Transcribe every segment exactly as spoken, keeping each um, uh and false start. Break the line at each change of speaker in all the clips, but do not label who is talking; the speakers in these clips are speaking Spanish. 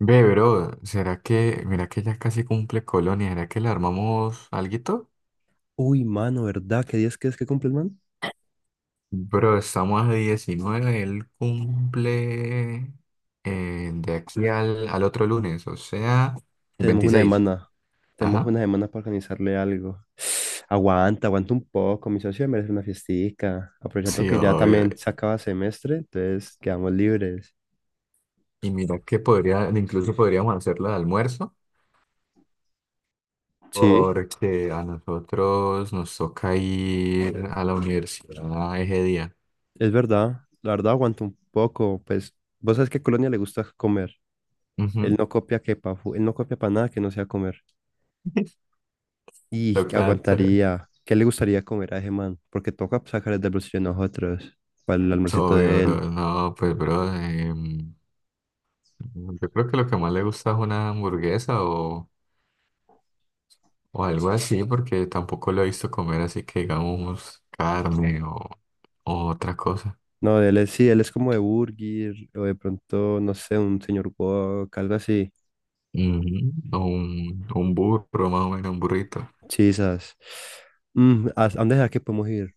Ve, bro, ¿será que, mira que ya casi cumple Colonia, ¿será que le armamos alguito?
Uy, mano, ¿verdad? ¿Qué días crees que cumple el man?
Bro, estamos a diecinueve, él cumple eh, de aquí al, al otro lunes, o sea, el
Tenemos una
veintiséis.
semana. Tenemos
Ajá.
una semana para organizarle algo. Aguanta, aguanta un poco. Mi socio merece una fiestica. Aprovechando
Sí,
que ya
obvio.
también se acaba semestre, entonces quedamos libres.
Y mira que podría, incluso podríamos hacerlo de almuerzo,
Sí,
porque a nosotros nos toca ir a la universidad ese día.
es verdad. La verdad, aguanta un poco. Pues, vos sabes que a Colonia le gusta comer. Él
Ujú.
no copia que pa, fu- él no copia para nada que no sea comer. Y que
Toca, t-
aguantaría. ¿Qué le gustaría comer a ese man? Porque toca sacar el del bolsillo de nosotros para el almuercito
obvio,
de él.
bro. No, pues, bro. em, Mm, Yo creo que lo que más le gusta es una hamburguesa o, o algo así, porque tampoco lo he visto comer así que digamos carne o, o otra cosa.
No, él es, sí, él es como de Burger, o de pronto, no sé, un señor Wok, algo así.
Ujú. O un, un burro, más o menos, un burrito.
Chisas. Mm, ¿a a dónde será que podemos ir?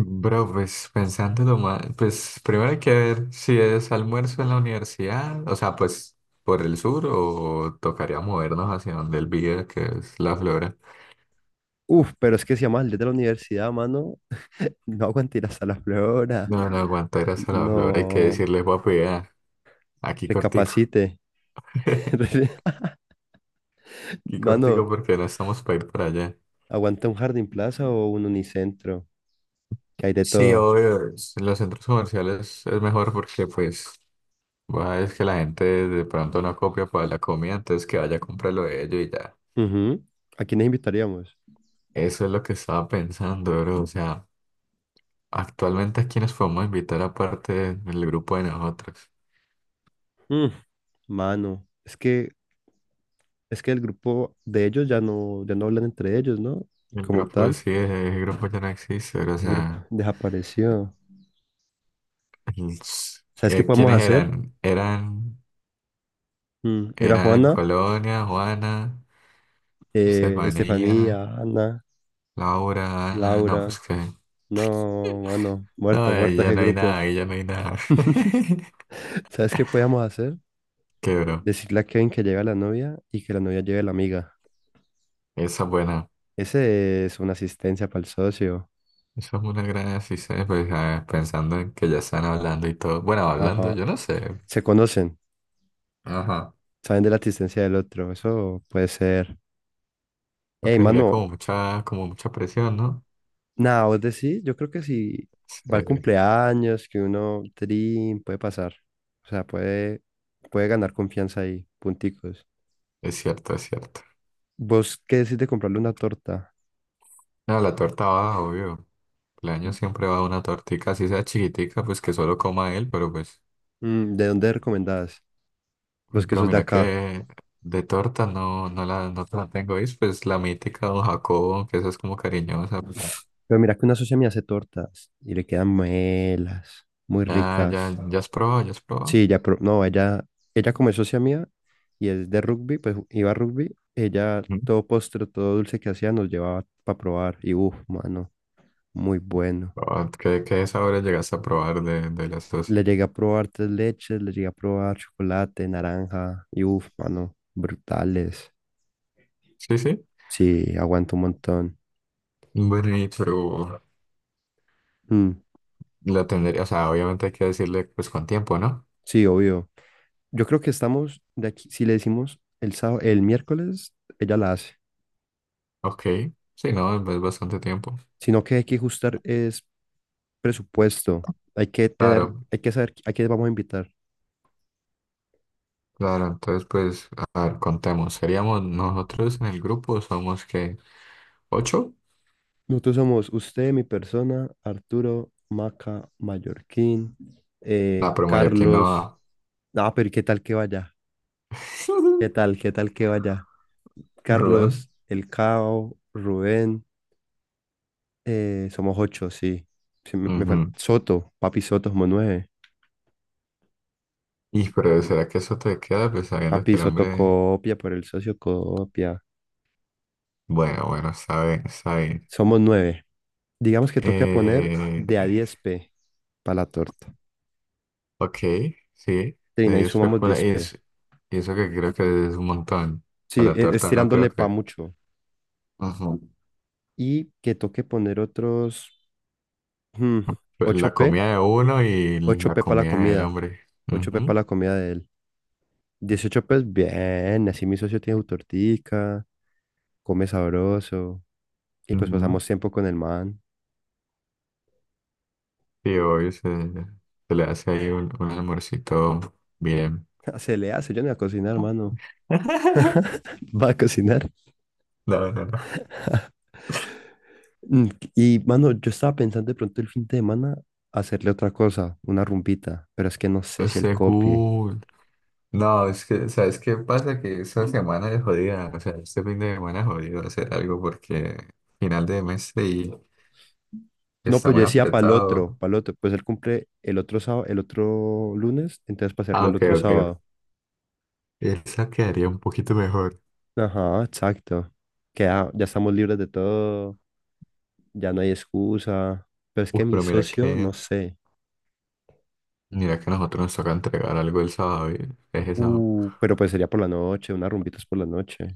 Bro, pues pensándolo más, pues primero hay que ver si es almuerzo en la universidad, o sea, pues por el sur o tocaría movernos hacia donde él vive, que es la Flora.
Uf, pero es que si llama el de la universidad, mano, no aguante ir hasta la Flora.
No, no aguantar hasta la Flora, hay que
No,
decirle, papi, ah, aquí cortico.
recapacite. Re-
Qué
Mano,
cortico porque no estamos para ir para allá.
aguanta un Jardín Plaza o un Unicentro, que hay de
Sí,
todo.
obvio, es- en los centros comerciales es mejor porque pues va, es que la gente de pronto no copia para la comida, entonces que vaya a comprarlo de ellos y ya.
Ujú. ¿A quiénes invitaríamos?
Eso es lo que estaba pensando, bro. O sea, actualmente a quiénes podemos invitar aparte del grupo de nosotros.
Mm, mano, es que, es que el grupo de ellos ya no, ya no hablan entre ellos, ¿no?
El
Como
grupo
tal.
sí, el grupo ya no existe, bro. O
El grupo
sea,
desapareció.
el-
¿Sabes qué
eh,
podemos
¿quiénes
hacer?
eran? Eran,
Mm, Era
eran
Juana,
Colonia, Juana,
eh,
Estefanía,
Estefanía, Ana,
Laura, Ana, no,
Laura.
pues que
No, mano,
no,
muerto,
ahí
muerto
ya
ese
no hay
grupo.
nada, ahí ya no hay nada.
¿Sabes qué podíamos hacer?
Quebró.
Decirle a Kevin que lleve a la novia y que la novia lleve a la amiga.
Esa es buena.
Ese es una asistencia para el socio.
Esa es una gran decisión, pues, ah, pensando en que ya están hablando y todo. Bueno, hablando,
Ajá.
yo no sé.
Se conocen,
Ajá.
saben de la asistencia del otro. Eso puede ser.
Lo
Ey,
que sería
mano,
como mucha, como mucha presión, ¿no?
nada, vos decís, yo creo que si va al
Sí,
cumpleaños, que uno trin, puede pasar. O sea, puede, puede ganar confianza ahí, punticos.
es cierto, es cierto.
¿Vos qué decís de comprarle una torta?
No, la torta va, obvio. El año siempre va una tortica, así sea chiquitica, pues que solo coma él, pero pues.
Mm, ¿de dónde recomendás?
Uy,
Vos que
pero
sos de
mira
acá.
que de torta no, no la, no te la tengo, ¿viste? Pues la mítica Don Jacobo, que esa es como cariñosa, pues.
Pero mira que una socia me hace tortas y le quedan melas, muy
Ya, ya,
ricas.
ya has probado, ya has probado.
Sí, ya, pro- no, ella, ella como es socia mía y es de rugby, pues iba a rugby, ella
Ujú.
todo postre, todo dulce que hacía nos llevaba para probar y uff, mano, muy bueno.
Ah, ¿qué, qué sabores llegaste a probar de, de las dos?
Le llegué a probar tres leches, le llegué a probar chocolate, naranja y uff, mano, brutales.
Sí, sí.
Sí, aguanto un montón.
Bueno, y pero
Mm,
la tendría, o sea, obviamente hay que decirle pues con tiempo, ¿no?
sí, obvio. Yo creo que estamos de aquí, si le decimos el sábado, el miércoles, ella la hace.
Ok, sí, no, es es bastante tiempo.
Sino que hay que ajustar es presupuesto. Hay que tener,
Claro,
hay que saber a quién vamos a invitar.
claro, entonces pues, a ver, contemos. ¿Seríamos nosotros en el grupo? ¿Somos que ¿ocho?
Nosotros somos usted, mi persona, Arturo, Maca, Mallorquín,
No,
eh,
pero mayor que no
Carlos.
va.
Ah, pero ¿qué tal que vaya? ¿Qué tal? ¿Qué tal que vaya?
Rubén.
Carlos, El Cao, Rubén, eh, somos ocho, sí. Sí, me, me fal-
Ujú.
Soto, Papi Soto, somos nueve.
Y pero ¿será que eso te queda? Pues sabiendo
Papi
que el
Soto
hombre...
copia por el socio copia.
Bueno, bueno, está bien, está bien.
Somos nueve. Digamos que toca poner
Eh,
de a diez p para la torta.
ok, sí,
Trina,
de
ahí
diez
sumamos
féculas
diez
y,
p
es, y eso que creo que es un montón.
Sí,
Para la
e- es
torta no creo
tirándole pa
que...
mucho.
Ujú.
Y que toque poner otros hmm,
La
ocho p.
comida de uno y
ocho
la
p para la
comida del
comida.
hombre.
Ocho p
Ujú,
para la comida de él. Dieciocho p bien. Así mi socio tiene su tortica. Come sabroso y pues
ujú.
pasamos tiempo con el man.
Y hoy se, se le hace ahí un, un almuercito bien.
Se le hace, yo no voy a cocinar, mano. Va a cocinar.
No, no, no.
Mm, Y, mano, yo estaba pensando de pronto el fin de semana hacerle otra cosa, una rumbita, pero es que no sé si él copie.
Según... No, es que, ¿sabes qué pasa? Que esta semana es jodida, o sea, este fin de semana es jodido hacer algo porque final de mes y
No,
está
pues yo
muy
decía para el
apretado.
otro, para el otro, pues él cumple el otro sábado, el otro lunes, entonces para hacerlo
Ah,
el
ok,
otro
ok, ok.
sábado.
Esa quedaría un poquito mejor.
Ajá, exacto. Que ya, ya estamos libres de todo, ya no hay excusa. Pero es que
Uf,
mi
pero mira
socio,
que,
no sé.
mira que a nosotros nos toca entregar algo el sábado, y es el sábado.
Uh, pero pues sería por la noche, unas rumbitas por la noche.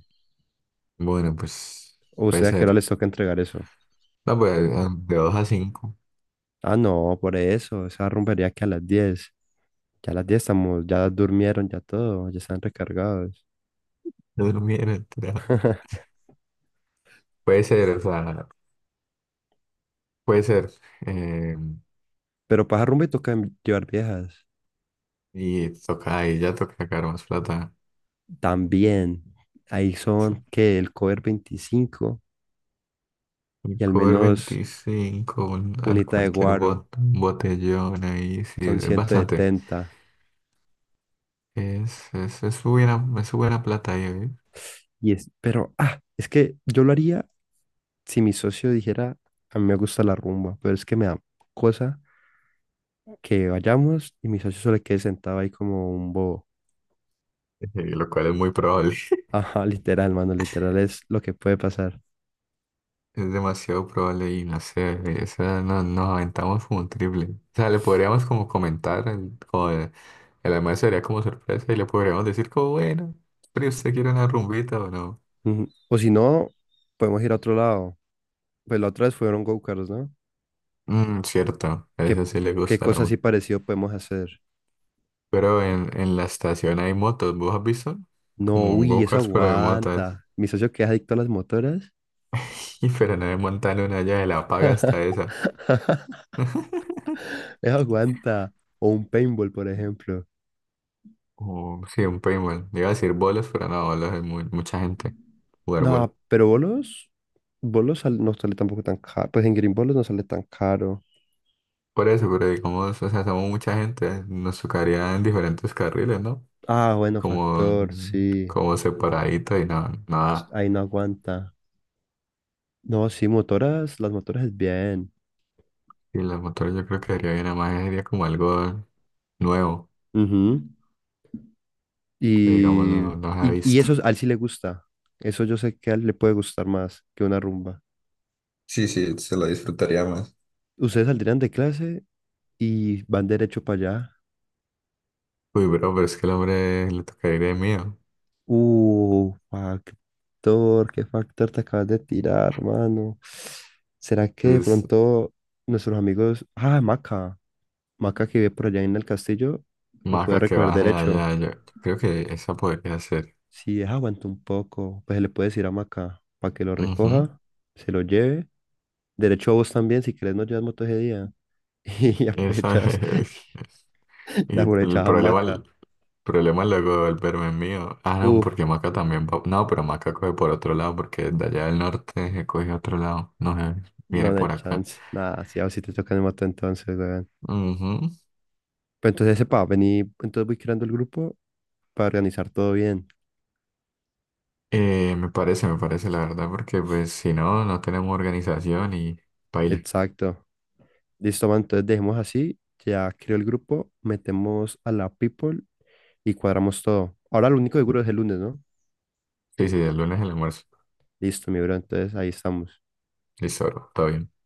Bueno, pues
¿O
puede
usted a qué hora
ser.
les toca entregar eso?
No, pues eh, de dos a cinco.
Ah, no, por eso, esa rumbería que a las diez. Ya a las diez estamos, ya durmieron, ya todo, ya están recargados.
No, no, mira. Puede ser, o sea, puede ser. Eh,
Pero para esa rumba y toca llevar viejas.
y toca ahí, ya toca sacar más plata.
También, ahí
Eso.
son que el cover veinticinco
El
y al
cover
menos
veinticinco, un- al
unita de
cualquier
guaro,
bot, botellón ahí, sí,
son
es
ciento
bastante.
setenta
Es, es, es buena, es buena plata ahí,
Y es, pero, ah, es que yo lo haría si mi socio dijera, a mí me gusta la rumba, pero es que me da cosa que vayamos y mi socio solo quede sentado ahí como un bobo.
eh, lo cual es muy probable.
Ajá, literal, mano, literal es lo que puede pasar.
Es demasiado probable y no sé, esa o no, nos aventamos como un triple. O sea, le podríamos como comentar, el- como el, el almuerzo sería como sorpresa y le podríamos decir como, bueno, pero usted quiere una rumbita o no.
Ujú. O si no, podemos ir a otro lado. Pues la otra vez fueron go-karts, ¿no?
Mm, cierto, a
¿Qué,
eso sí le
qué
gusta la
cosa así
amor.
parecido podemos hacer?
Pero en, en la estación hay motos, ¿vos has visto?
No,
Como un
uy, eso
go-karts pero de motas.
aguanta. Mi socio que es adicto a las motoras.
Y pero no me montan una ya de la paga hasta esa.
Eso aguanta. O un paintball, por ejemplo.
O sí, un paintball. Iba a decir bolos, pero no, bolos es muy, mucha gente. Jugar bolos.
No, pero bolos, bolos sal- no sale tampoco tan caro. Pues en Green Bolos no sale tan caro.
Por eso, pero digamos, o sea, somos mucha gente, nos tocaría en diferentes carriles, ¿no?
Ah, bueno,
Como,
factor,
mm,
sí.
como separadito y no, nada.
Ahí no aguanta. No, sí, motoras, las motoras es bien.
Y los motores yo creo que sería bien, además sería como algo nuevo,
Ujú.
que digamos
Y,
no, no se ha
y, y
visto.
eso a él sí le gusta. Eso yo sé que a él le puede gustar más que una rumba.
Sí, sí, se lo disfrutaría más.
Ustedes saldrían de clase y van derecho para allá.
Uy, bro, pero es que el hombre le tocaría ir de mío.
Uh, factor, qué factor te acabas de tirar, hermano. ¿Será que de
Entonces,
pronto nuestros amigos, ah, Maca, Maca que vive por allá en el castillo, lo puede
Maca que
recoger
baje
derecho?
allá, yo, yo creo que esa podría ser.
Si es aguanta un poco, pues se le puede decir a Maca para que lo
Ujú,
recoja, se lo lleve. Derecho a vos también, si querés no llevas moto ese día. Y
esa
aprovechas,
es.
la
Y el
aprovechas a
problema,
Maca.
problema luego del verme mío. Ah, no, porque
Uf,
Maca también va. No, pero Maca coge por otro lado, porque de allá del norte se coge otro lado. No sé,
no,
viene
no hay
por acá.
chance. Nada, si a vos sí te toca en moto entonces, weón.
Ujú.
Pero entonces sepa, vení, entonces voy creando el grupo para organizar todo bien.
Eh, me parece, me parece, la verdad, porque pues si no, no tenemos organización y baile.
Exacto. Listo, man, entonces dejemos así. Ya creo el grupo, metemos a la people y cuadramos todo. Ahora lo único seguro es el lunes, ¿no?
Sí, sí, el lunes el almuerzo.
Listo, mi bro, entonces ahí estamos.
Listo, bro, todo bien.